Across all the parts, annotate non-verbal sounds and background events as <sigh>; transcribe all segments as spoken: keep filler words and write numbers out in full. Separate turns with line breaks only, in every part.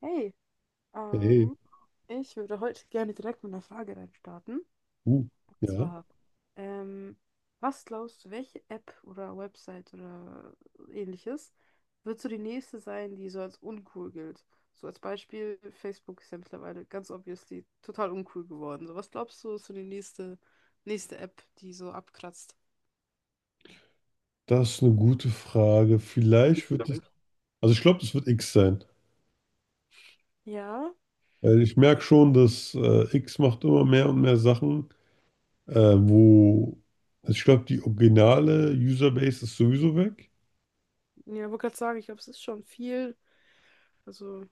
Hey,
Hey,
ähm, ich würde heute gerne direkt mit einer Frage reinstarten.
uh,
Und
ja,
zwar, ähm, was glaubst du, welche App oder Website oder ähnliches wird so die nächste sein, die so als uncool gilt? So als Beispiel, Facebook ist ja mittlerweile ganz obviously total uncool geworden. So, was glaubst du, ist so die nächste, nächste App, die so abkratzt?
das ist eine gute Frage. Vielleicht wird es, also ich glaube, das wird X sein.
Ja,
Weil ich merke schon, dass äh, X macht immer mehr und mehr Sachen, äh, wo, also ich glaube, die originale Userbase ist sowieso weg.
ja, wollte gerade sagen, ich glaube, es ist schon viel, also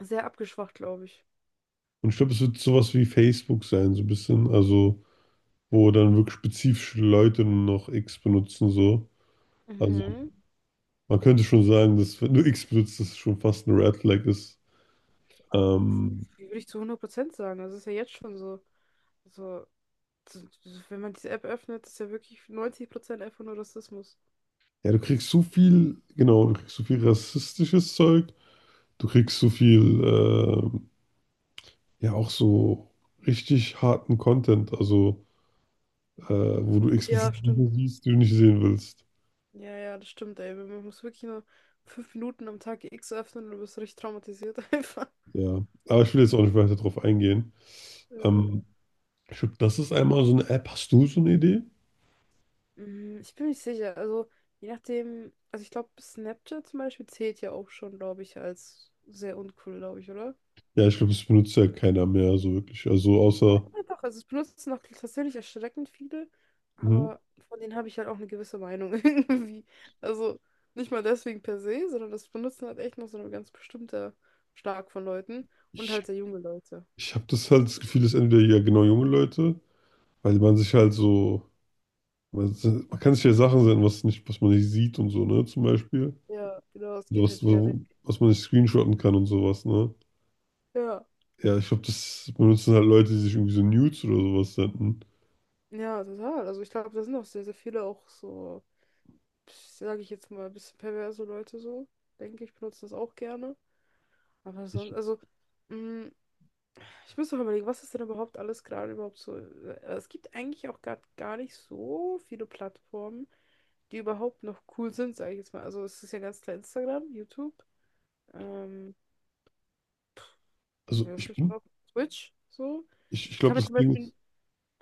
sehr abgeschwacht, glaube ich.
Und ich glaube, es wird sowas wie Facebook sein, so ein bisschen, also wo dann wirklich spezifische Leute nur noch X benutzen, so. Also
Mhm.
man könnte schon sagen, dass wenn du X benutzt, das schon fast ein Red Flag ist. Ähm,
Würde ich zu hundert Prozent sagen. Das ist ja jetzt schon so. Also, so- so- wenn man diese App öffnet, ist ja wirklich neunzig Prozent einfach nur Rassismus.
Ja, du kriegst so viel, genau, du kriegst so viel rassistisches Zeug, du kriegst so viel, ähm, ja, auch so richtig harten Content, also äh, wo du
Ja,
explizit Dinge
stimmt.
siehst, die du nicht sehen willst.
Ja, ja, das stimmt, ey. Man muss wirklich nur fünf Minuten am Tag X öffnen und du bist richtig traumatisiert <laughs> einfach.
Ja, aber ich will jetzt auch nicht weiter drauf eingehen.
Äh,
Ähm, ich glaube, das ist einmal so eine App. Hast du so eine Idee?
mm, ich bin nicht sicher. Also, je nachdem, also ich glaube, Snapchat zum Beispiel zählt ja auch schon, glaube ich, als sehr uncool, glaube ich, oder?
Ja, ich glaube, das benutzt ja keiner mehr so wirklich. Also
Ja,
außer,
doch, also es benutzen noch tatsächlich erschreckend viele,
hm,
aber von denen habe ich halt auch eine gewisse Meinung <laughs> irgendwie. Also nicht mal deswegen per se, sondern das benutzen halt echt noch so ein ganz bestimmter Schlag von Leuten und
ich,
halt sehr junge Leute.
ich habe das halt das Gefühl, dass entweder ja genau junge Leute, weil man sich halt so Man, man kann sich ja Sachen senden, was nicht, was man nicht sieht und so, ne? Zum Beispiel.
Ja, genau, es
So
geht
was,
halt wieder weg.
so, was man nicht screenshotten kann und sowas, ne?
Ja,
Ja, ich glaube, das benutzen halt Leute, die sich irgendwie so Nudes oder sowas senden.
ja, total. Also ich glaube, da sind auch sehr, sehr viele auch so, sage ich jetzt mal, ein bisschen perverse Leute so, denke ich, benutzen das auch gerne. Aber
Ich,
sonst, also, mm, ich muss noch überlegen, was ist denn überhaupt alles gerade überhaupt so? äh, Es gibt eigentlich auch gar, gar nicht so viele Plattformen, die überhaupt noch cool sind, sage ich jetzt mal. Also es ist ja ganz klar Instagram, YouTube. Ähm,
also
ja, was
ich
gibt's
bin,
noch? Twitch, so.
ich, ich
Ich
glaube,
kann mir
das
zum
Ding ist,
Beispiel.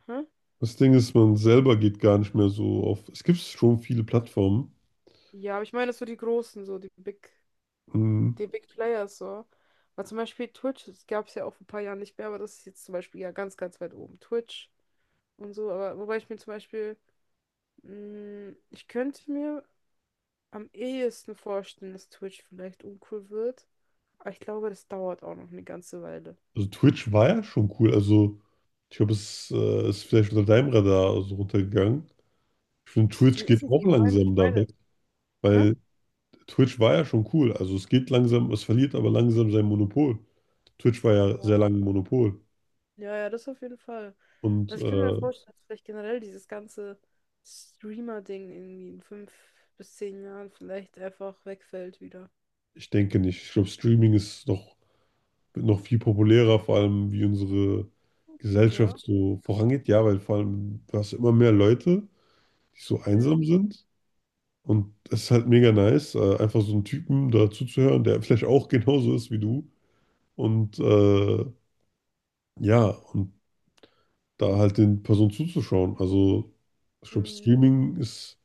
Hä?
das Ding ist, man selber geht gar nicht mehr so auf. Es gibt schon viele Plattformen.
Ja, aber ich meine so die großen, so die Big,
Mhm.
die Big Players, so. Weil zum Beispiel Twitch, das gab es ja auch vor ein paar Jahren nicht mehr, aber das ist jetzt zum Beispiel ja ganz, ganz weit oben. Twitch und so, aber wobei ich mir zum Beispiel, mh, ich könnte mir am ehesten vorstellen, dass Twitch vielleicht uncool wird. Aber ich glaube, das dauert auch noch eine ganze Weile.
Also Twitch war ja schon cool. Also ich glaube, es äh, ist vielleicht unter deinem Radar so runtergegangen. Ich finde, Twitch
Nee, ist
geht
es nicht,
auch
ich meine, ich
langsam da
meine.
weg,
Hä?
weil Twitch war ja schon cool. Also es geht langsam, es verliert aber langsam sein Monopol. Twitch war ja sehr
Ja.
lange ein Monopol.
Ja, ja, das auf jeden Fall.
Und
Also ich könnte mir
äh,
vorstellen, dass vielleicht generell dieses ganze Streamer-Ding irgendwie in fünf bis zehn Jahren vielleicht einfach wegfällt wieder.
ich denke nicht. Ich glaube, Streaming ist noch, wird noch viel populärer, vor allem wie unsere Gesellschaft
Ja.
so vorangeht. Ja, weil vor allem du hast immer mehr Leute, die so
Ja.
einsam sind. Und es ist halt mega nice, äh, einfach so einen Typen da zuzuhören, der <laughs> vielleicht auch genauso ist wie du. Und äh, ja, und da halt den Personen zuzuschauen. Also ich glaube,
Mhm.
Streaming ist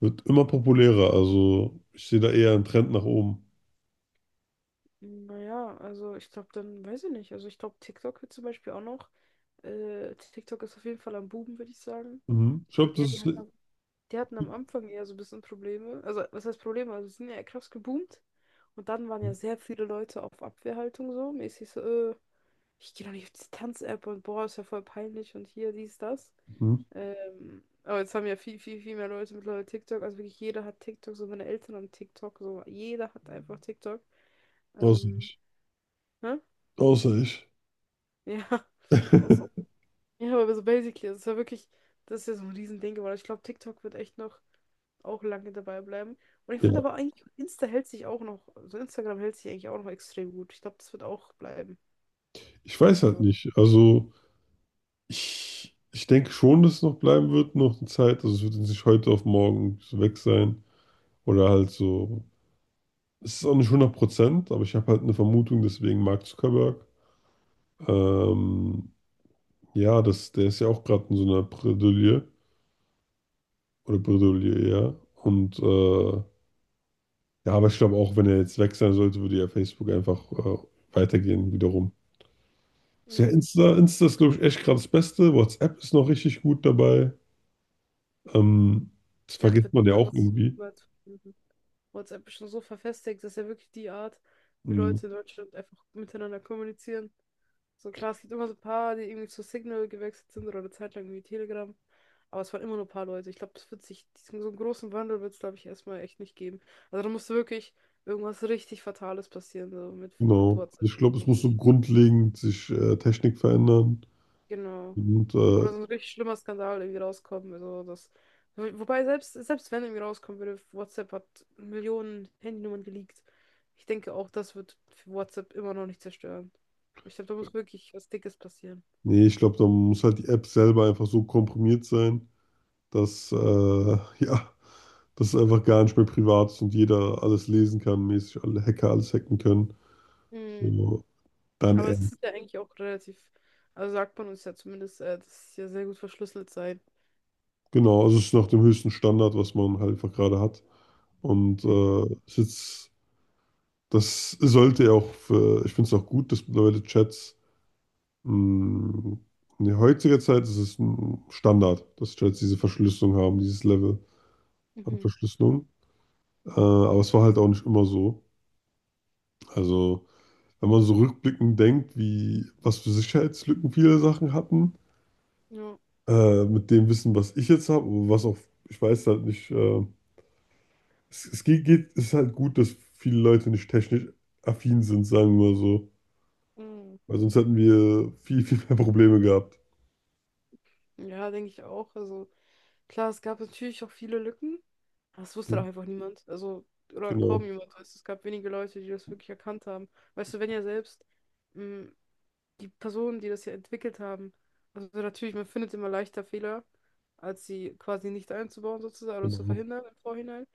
Wird immer populärer, also ich sehe da eher einen Trend nach oben.
Naja, also ich glaube dann, weiß ich nicht. Also ich glaube, TikTok wird zum Beispiel auch noch. Äh, TikTok ist auf jeden Fall am Buben, würde ich sagen.
Mhm. Ich
Ich
glaube,
denke
das
eher, die
ist.
hat die hatten am Anfang eher so ein bisschen Probleme. Also, was heißt Probleme? Also, sie sind ja krass geboomt. Und dann waren ja sehr viele Leute auf Abwehrhaltung so. Mäßig so, äh, ich gehe doch nicht auf diese Tanz-App und boah, ist ja voll peinlich und hier, dies, das.
Mhm.
Ähm, aber jetzt haben ja viel, viel, viel mehr Leute mittlerweile TikTok. Also wirklich jeder hat TikTok, so meine Eltern haben TikTok, so jeder hat einfach TikTok.
Außer
Ähm,
ich.
ne?
Außer ich.
Ja, <laughs> auch so
<laughs>
ja, aber so basically, das ist ja wirklich, das ist ja so ein Riesending geworden. Ich glaube, TikTok wird echt noch auch lange dabei bleiben. Und ich finde
Ja,
aber eigentlich, Insta hält sich auch noch, also Instagram hält sich eigentlich auch noch extrem gut. Ich glaube, das wird auch bleiben.
ich weiß halt
So.
nicht. Also ich, ich denke schon, dass es noch bleiben wird, noch eine Zeit. Also es wird jetzt nicht heute auf morgen so weg sein. Oder halt so. Es ist auch nicht hundert Prozent, aber ich habe halt eine Vermutung, deswegen Mark Zuckerberg. Ähm, ja, das, der ist ja auch gerade in so einer Bredouille. Oder Bredouille, ja. Und äh, Ja, aber ich glaube auch, wenn er jetzt weg sein sollte, würde ja Facebook einfach äh, weitergehen wiederum. Also ja,
Mhm.
Insta, Insta ist, glaube ich, echt gerade das Beste. WhatsApp ist noch richtig gut dabei. Ähm, das
WhatsApp
vergisst
wird
man ja auch
niemals,
irgendwie.
niemals verschwinden. WhatsApp ist schon so verfestigt, dass ja wirklich die Art, wie
Mhm,
Leute in Deutschland einfach miteinander kommunizieren. So klar, es gibt immer so ein paar, die irgendwie zu Signal gewechselt sind oder eine Zeit lang irgendwie Telegram. Aber es waren immer nur ein paar Leute. Ich glaube, das wird sich, diesen, so einen großen Wandel wird es, glaube ich, erstmal echt nicht geben. Also da musste wirklich irgendwas richtig Fatales passieren, so mit, mit
genau.
WhatsApp,
Also Ich glaube,
denke
es
ich.
muss so grundlegend sich äh, Technik verändern.
Genau.
Und
Oder
äh,
so ein richtig schlimmer Skandal irgendwie rauskommen. Also das. wo- Wobei, selbst, selbst wenn irgendwie rauskommen würde, WhatsApp hat Millionen Handynummern geleakt. Ich denke auch, das wird für WhatsApp immer noch nicht zerstören. Ich glaube, da muss wirklich was Dickes passieren.
nee, ich glaube, da muss halt die App selber einfach so komprimiert sein, dass äh, <laughs> ja, dass es einfach gar nicht mehr privat ist und jeder alles lesen kann, mäßig alle Hacker alles hacken können.
Mm.
So, dann
Aber
eher.
es ist ja eigentlich auch relativ, also sagt man uns ja zumindest, äh, dass es ja sehr gut verschlüsselt sei.
Genau, also es ist nach dem höchsten Standard, was man halt einfach gerade hat. Und
Mhm.
äh, es ist jetzt, das sollte ja auch für, ich finde es auch gut, dass mittlerweile Chats mh, in der heutigen Zeit ist es ein Standard, dass Chats diese Verschlüsselung haben, dieses Level an
Mhm.
Verschlüsselung. Äh, aber es war halt auch nicht immer so. Also, wenn man so rückblickend denkt, wie was für Sicherheitslücken viele Sachen hatten,
Ja,
äh, mit dem Wissen, was ich jetzt habe, was auch, ich weiß halt nicht, äh, Es, es geht, geht, es ist halt gut, dass viele Leute nicht technisch affin sind, sagen wir mal so.
mhm.
Weil sonst hätten wir viel, viel mehr Probleme gehabt.
Ja, denke ich auch. Also klar, es gab natürlich auch viele Lücken, aber es wusste doch einfach niemand. Also, oder kaum
Genau,
jemand. Weißt, du, es gab wenige Leute, die das wirklich erkannt haben. Weißt du, wenn ja selbst mh, die Personen, die das ja entwickelt haben, also natürlich, man findet immer leichter Fehler, als sie quasi nicht einzubauen sozusagen oder zu
genau,
verhindern im Vorhinein.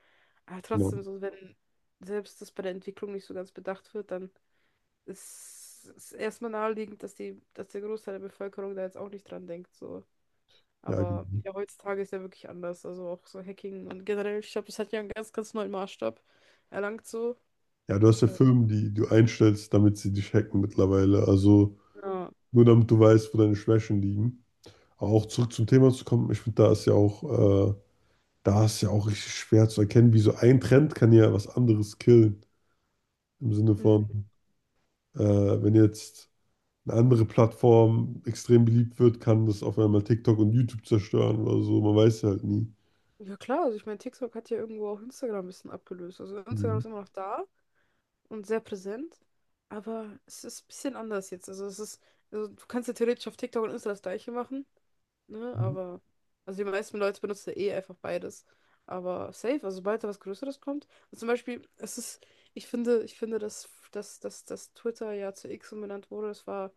Aber trotzdem,
genau.
so wenn selbst das bei der Entwicklung nicht so ganz bedacht wird, dann ist es erstmal naheliegend, dass die, dass der Großteil der Bevölkerung da jetzt auch nicht dran denkt. So.
Ja,
Aber
genau.
ja, heutzutage ist ja wirklich anders. Also auch so Hacking und generell, ich glaube, das hat ja einen ganz, ganz neuen Maßstab erlangt so.
Ja, du hast ja
Äh,
Firmen, die du einstellst, damit sie dich hacken mittlerweile. Also
ja.
nur damit du weißt, wo deine Schwächen liegen. Aber auch zurück zum Thema zu kommen, ich finde, da ist ja auch, äh, da ist ja auch richtig schwer zu erkennen, wie so ein Trend kann ja was anderes killen. Im Sinne
Mhm.
von, äh, wenn jetzt eine andere Plattform extrem beliebt wird, kann das auf einmal TikTok und YouTube zerstören oder so. Man weiß halt nie.
Ja klar, also ich meine, TikTok hat ja irgendwo auch Instagram ein bisschen abgelöst. Also Instagram
Mhm.
ist immer noch da und sehr präsent, aber es ist ein bisschen anders jetzt. Also es ist, also du kannst ja theoretisch auf TikTok und Insta das Gleiche machen. Ne? Aber, also die meisten Leute benutzen ja eh einfach beides. Aber safe, also sobald da was Größeres kommt. Und zum Beispiel, es ist, ich finde, ich finde, dass, dass, dass, dass Twitter ja zu X umbenannt wurde, das war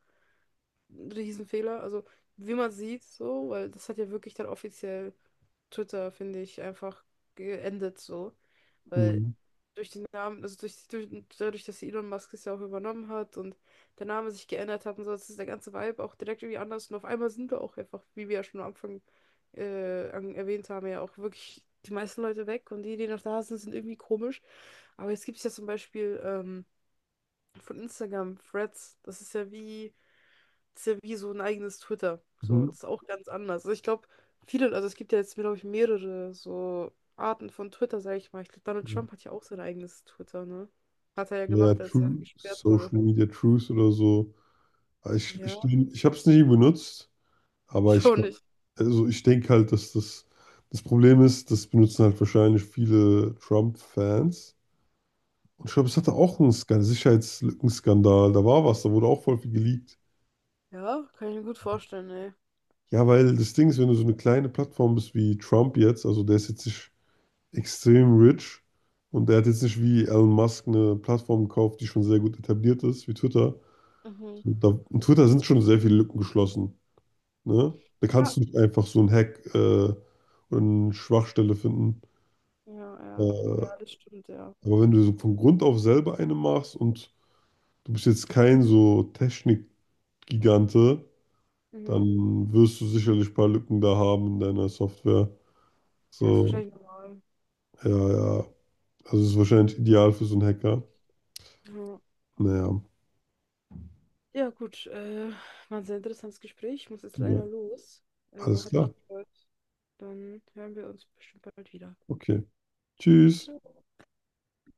ein Riesenfehler. Also, wie man sieht, so, weil das hat ja wirklich dann offiziell Twitter, finde ich, einfach geendet, so. Weil
Mhm.
durch den Namen, also durch, durch, dadurch, dass Elon Musk es ja auch übernommen hat und der Name sich geändert hat und so, das ist der ganze Vibe auch direkt irgendwie anders. Und auf einmal sind wir auch einfach, wie wir ja schon am Anfang äh, an, erwähnt haben, ja auch wirklich die meisten Leute weg und die, die noch da sind, sind irgendwie komisch. Aber jetzt gibt es ja zum Beispiel ähm, von Instagram Threads. Das ist ja wie ist ja wie so ein eigenes Twitter. So,
Mhm.
das ist auch ganz anders. Also ich glaube, viele, also es gibt ja jetzt, glaube ich, mehrere so Arten von Twitter, sage ich mal. Ich glaube, Donald
Ja,
Trump hat ja auch sein eigenes Twitter, ne? Hat er ja
Ja,
gemacht, als er
True,
gesperrt
Social
wurde.
Media Truth oder so. Aber Ich, ich,
Ja,
ich habe es nie benutzt, aber
ich
ich,
auch
glaub-
nicht.
also ich denke halt, dass das, das Problem ist, das benutzen halt wahrscheinlich viele Trump-Fans. Und ich glaube, es hatte auch einen Skandal, Sicherheitslückenskandal, da war was, da wurde auch voll viel geleakt.
Ja, kann ich mir gut vorstellen, ey.
Ja, weil das Ding ist, wenn du so eine kleine Plattform bist wie Trump jetzt, also der ist jetzt nicht extrem rich und er hat jetzt nicht wie Elon Musk eine Plattform gekauft, die schon sehr gut etabliert ist, wie Twitter.
Mhm.
Da, in Twitter sind schon sehr viele Lücken geschlossen. Ne? Da
Ja,
kannst du nicht einfach so einen Hack äh, oder eine Schwachstelle finden.
ja, ja.
Äh,
Ja, das stimmt, ja.
aber wenn du so von Grund auf selber eine machst und du bist jetzt kein so Technikgigante,
Mhm.
dann wirst du sicherlich ein paar Lücken da haben in deiner Software.
Ja, ist
So,
wahrscheinlich normal.
ja, ja. Also es ist wahrscheinlich ideal für so einen Hacker.
Ja,
Naja,
ja gut. Äh, war ein sehr interessantes Gespräch. Ich muss jetzt
ja,
leider los. Äh, aber
alles
hat mich
klar.
gefreut. Dann hören wir uns bestimmt bald wieder.
Okay. Tschüss.
Ciao.